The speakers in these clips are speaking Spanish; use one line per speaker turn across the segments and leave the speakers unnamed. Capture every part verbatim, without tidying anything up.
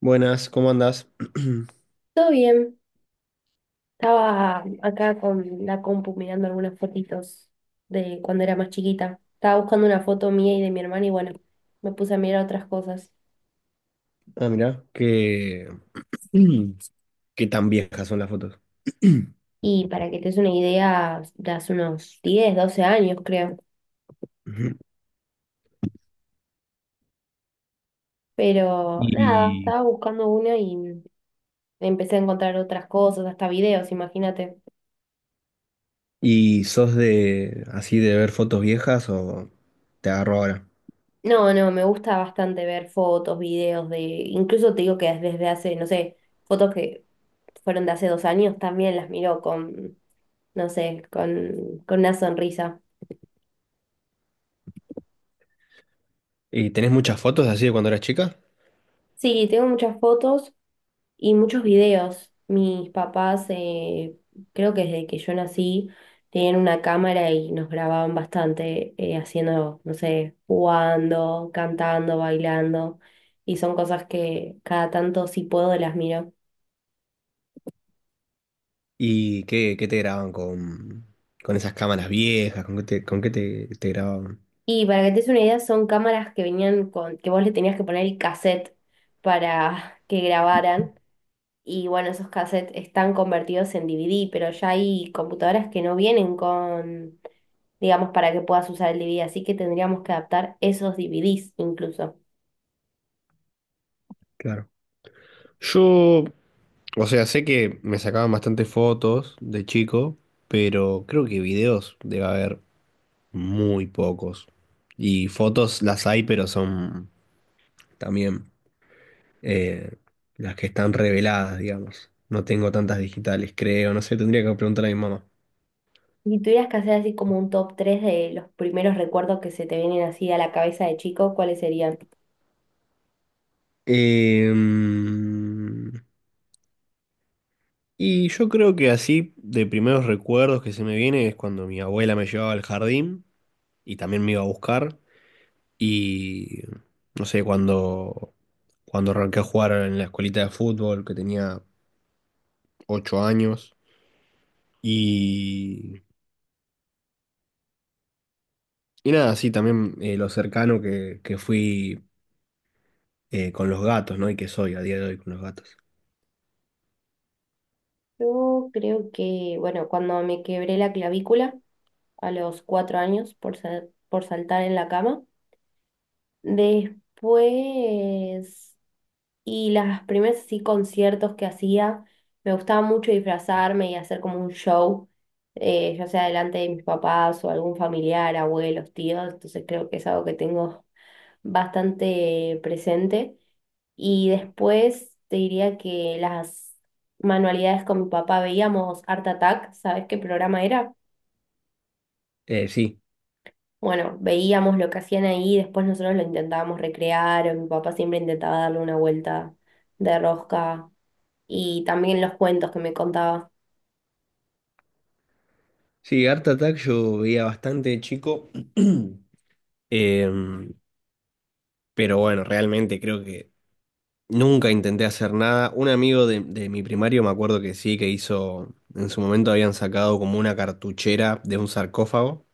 Buenas, ¿cómo andás?
Todo bien, estaba acá con la compu mirando algunas fotitos de cuando era más chiquita. Estaba buscando una foto mía y de mi hermana y bueno, me puse a mirar otras cosas.
Ah, mirá, que qué tan viejas son las fotos.
Y para que te des una idea, de hace unos diez doce años creo.
Ujú.
Pero nada,
¿Y,
estaba buscando una y empecé a encontrar otras cosas, hasta videos, imagínate.
y sos de así de ver fotos viejas o te agarro ahora?
No, no, me gusta bastante ver fotos, videos de... Incluso te digo que desde hace, no sé, fotos que fueron de hace dos años también las miro con no sé, con, con una sonrisa.
¿Y tenés muchas fotos así de cuando eras chica?
Sí, tengo muchas fotos y muchos videos. Mis papás, eh, creo que desde que yo nací, tenían una cámara y nos grababan bastante eh, haciendo, no sé, jugando, cantando, bailando. Y son cosas que cada tanto, si puedo, las miro.
¿Y qué, qué te graban con, con esas cámaras viejas? ¿Con qué te, con qué te, te grababan?
Y para que te des una idea, son cámaras que venían con, que vos le tenías que poner el cassette para que grabaran. Y bueno, esos cassettes están convertidos en D V D, pero ya hay computadoras que no vienen con, digamos, para que puedas usar el D V D, así que tendríamos que adaptar esos D V Ds incluso.
Claro. Yo, o sea, sé que me sacaban bastantes fotos de chico, pero creo que videos debe haber. Muy pocos. Y fotos las hay, pero son también eh, las que están reveladas, digamos. No tengo tantas digitales, creo. No sé, tendría que preguntar a mi mamá.
Y tuvieras que hacer así como un top tres de los primeros recuerdos que se te vienen así a la cabeza de chico, ¿cuáles serían?
Em, y yo creo que así, de primeros recuerdos que se me viene es cuando mi abuela me llevaba al jardín y también me iba a buscar. Y no sé, cuando, cuando arranqué a jugar en la escuelita de fútbol, que tenía ocho años. y Y nada, sí, también eh, lo cercano que, que fui eh, con los gatos, ¿no? Y que soy a día de hoy con los gatos.
Yo creo que, bueno, cuando me quebré la clavícula a los cuatro años por, sa- por saltar en la cama. Después... Y las primeras sí conciertos que hacía, me gustaba mucho disfrazarme y hacer como un show, eh, ya sea delante de mis papás o algún familiar, abuelos, tíos, entonces creo que es algo que tengo bastante presente. Y después te diría que las manualidades con mi papá veíamos Art Attack, ¿sabes qué programa era?
Eh, sí,
Bueno, veíamos lo que hacían ahí, después nosotros lo intentábamos recrear, o mi papá siempre intentaba darle una vuelta de rosca y también los cuentos que me contaba.
sí, Art Attack yo veía bastante de chico. em, pero bueno, realmente creo que nunca intenté hacer nada. Un amigo de, de mi primario, me acuerdo que sí, que hizo... En su momento habían sacado como una cartuchera de un sarcófago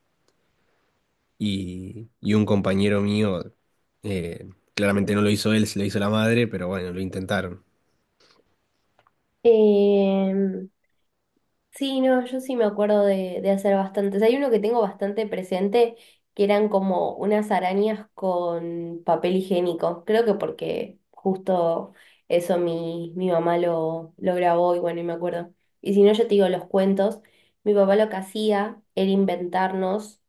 y, y un compañero mío, eh, claramente no lo hizo él, se lo hizo la madre, pero bueno, lo intentaron.
Eh, Sí, no, yo sí me acuerdo de, de hacer bastantes. Hay uno que tengo bastante presente, que eran como unas arañas con papel higiénico. Creo que porque justo eso mi, mi mamá lo, lo grabó y bueno, y me acuerdo. Y si no, yo te digo los cuentos. Mi papá lo que hacía era inventarnos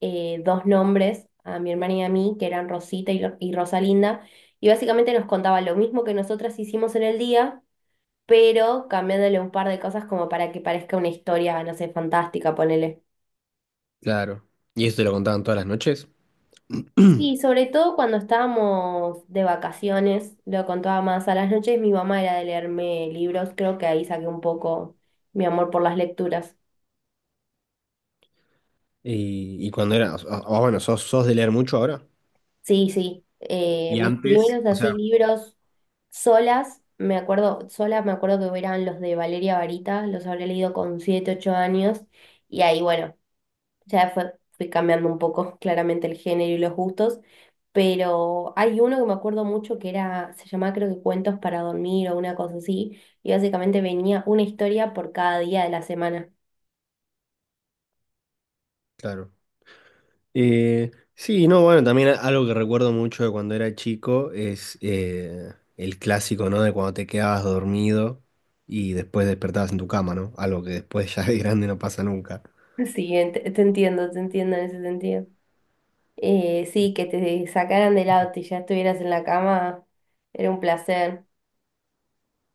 eh, dos nombres a mi hermana y a mí, que eran Rosita y, Ro- y Rosalinda. Y básicamente nos contaba lo mismo que nosotras hicimos en el día pero cambiándole un par de cosas como para que parezca una historia, no sé, fantástica, ponele.
Claro. ¿Y eso te lo contaban todas las noches?
Sí, sobre todo cuando estábamos de vacaciones, lo contaba más a las noches, mi mamá era de leerme libros, creo que ahí saqué un poco mi amor por las lecturas.
Y, y cuando era, o- o- bueno, ¿sos, sos de leer mucho ahora?
Sí, sí, eh,
Y
mis
antes,
primeros
o
así
sea...
libros solas, me acuerdo, solas me acuerdo que eran los de Valeria Varita, los habré leído con siete ocho años, y ahí, bueno. Ya fue, fui cambiando un poco claramente el género y los gustos, pero hay uno que me acuerdo mucho que era, se llamaba creo que Cuentos para dormir o una cosa así, y básicamente venía una historia por cada día de la semana.
Claro. Eh, sí, no, bueno, también a- algo que recuerdo mucho de cuando era chico es eh, el clásico, ¿no? De cuando te quedabas dormido y después despertabas en tu cama, ¿no? Algo que después ya de grande no pasa nunca.
Sí, ent- te entiendo, te entiendo en ese sentido. Eh, sí, que te sacaran del auto y ya estuvieras en la cama era un placer,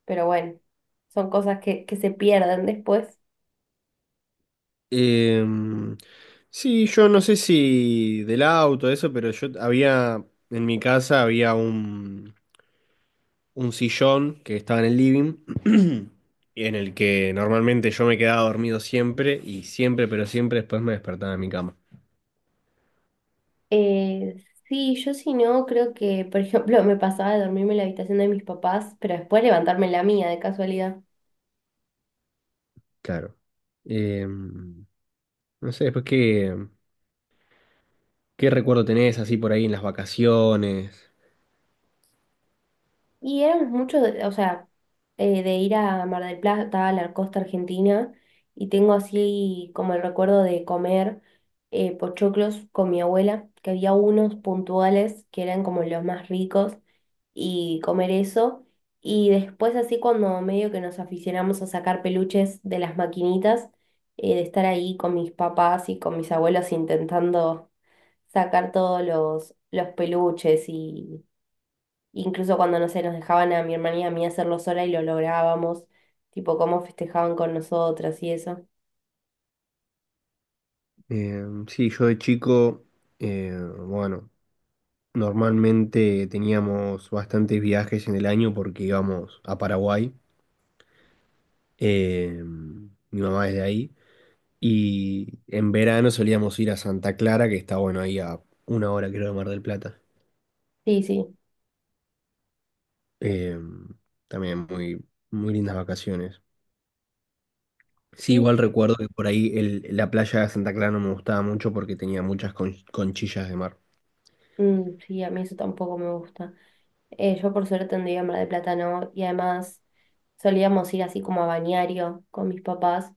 pero bueno, son cosas que, que se pierden después.
Em, sí, yo no sé si del auto, eso, pero yo había, en mi casa había un, un sillón que estaba en el living, y en el que normalmente yo me quedaba dormido siempre y siempre, pero siempre después me despertaba en mi cama.
Eh, sí, yo si no, creo que, por ejemplo, me pasaba de dormirme en la habitación de mis papás, pero después levantarme en la mía de casualidad.
Claro. Em, no sé, después qué, qué recuerdo tenés así por ahí en las vacaciones.
Y éramos muchos, de- o sea, eh, de ir a Mar del Plata, a la costa argentina, y tengo así como el recuerdo de comer eh, pochoclos con mi abuela, que había unos puntuales que eran como los más ricos, y comer eso. Y después así cuando medio que nos aficionamos a sacar peluches de las maquinitas, eh, de estar ahí con mis papás y con mis abuelos intentando sacar todos los, los peluches y incluso cuando, no sé, nos dejaban a mi hermana y a mí hacerlo sola y lo lográbamos, tipo cómo festejaban con nosotras y eso.
Em, sí, yo de chico, eh, bueno, normalmente teníamos bastantes viajes en el año porque íbamos a Paraguay. eh, Mi mamá es de ahí. Y en verano solíamos ir a Santa Clara, que está bueno ahí a una hora, creo, de Mar del Plata.
Sí, sí.
Eh, También muy, muy lindas vacaciones. Sí,
Y
igual recuerdo que por ahí el- la playa de Santa Clara no me gustaba mucho porque tenía muchas con- conchillas de mar.
mm, sí, a mí eso tampoco me gusta. Eh, yo por suerte andaba en Mar de plátano y además solíamos ir así como a balneario con mis papás.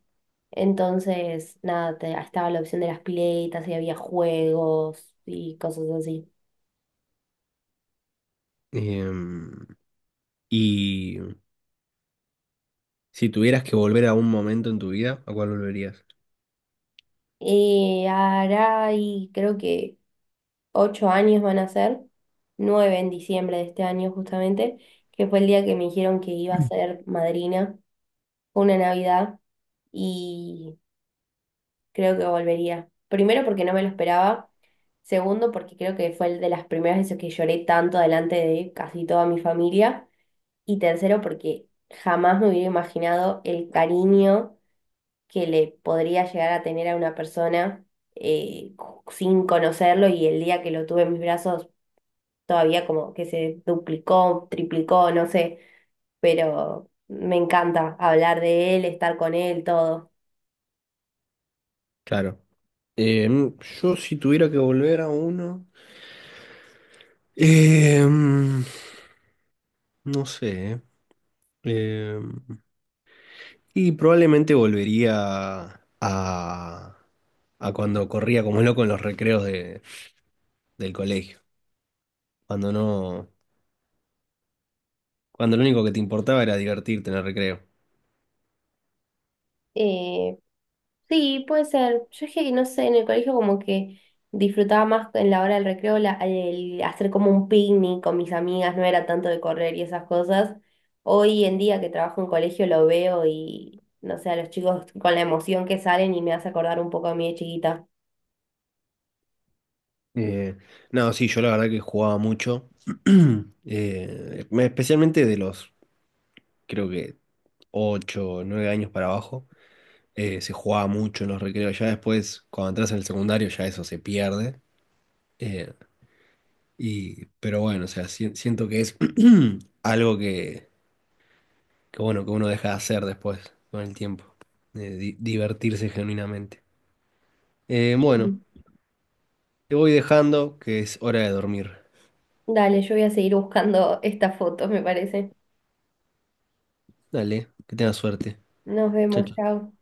Entonces, nada, te- estaba la opción de las piletas y había juegos y cosas así.
Eh, y si tuvieras que volver a un momento en tu vida, ¿a cuál volverías?
Y hará, y creo que ocho años van a ser, nueve en diciembre de este año justamente, que fue el día que me dijeron que iba a ser madrina, fue una Navidad. Y creo que volvería. Primero porque no me lo esperaba. Segundo porque creo que fue el de las primeras veces que lloré tanto delante de casi toda mi familia. Y tercero porque jamás me hubiera imaginado el cariño que le podría llegar a tener a una persona eh, sin conocerlo y el día que lo tuve en mis brazos todavía como que se duplicó, triplicó, no sé, pero me encanta hablar de él, estar con él, todo.
Claro. Em, yo si tuviera que volver a uno, em, no sé. em, y Probablemente volvería a, a cuando corría como loco en los recreos de- del colegio, cuando no, cuando lo único que te importaba era divertirte en el recreo.
Eh, Sí, puede ser. Yo es que, no sé, en el colegio como que disfrutaba más en la hora del recreo la- el hacer como un picnic con mis amigas, no era tanto de correr y esas cosas. Hoy en día que trabajo en colegio lo veo y, no sé, a los chicos con la emoción que salen y me hace acordar un poco a mí de chiquita.
Eh, no, sí, yo la verdad que jugaba mucho, eh, especialmente de los, creo que ocho o nueve años para abajo. Eh, se jugaba mucho en los recreos. Ya después, cuando entras en el secundario, ya eso se pierde. Eh, y, pero bueno, o sea, si- siento que es algo que, que, bueno, que uno deja de hacer después, con el tiempo. Eh, di- divertirse genuinamente. Eh, bueno, te voy dejando que es hora de dormir.
Dale, yo voy a seguir buscando estas fotos, me parece.
Dale, que tengas suerte.
Nos
Chao,
vemos, chao.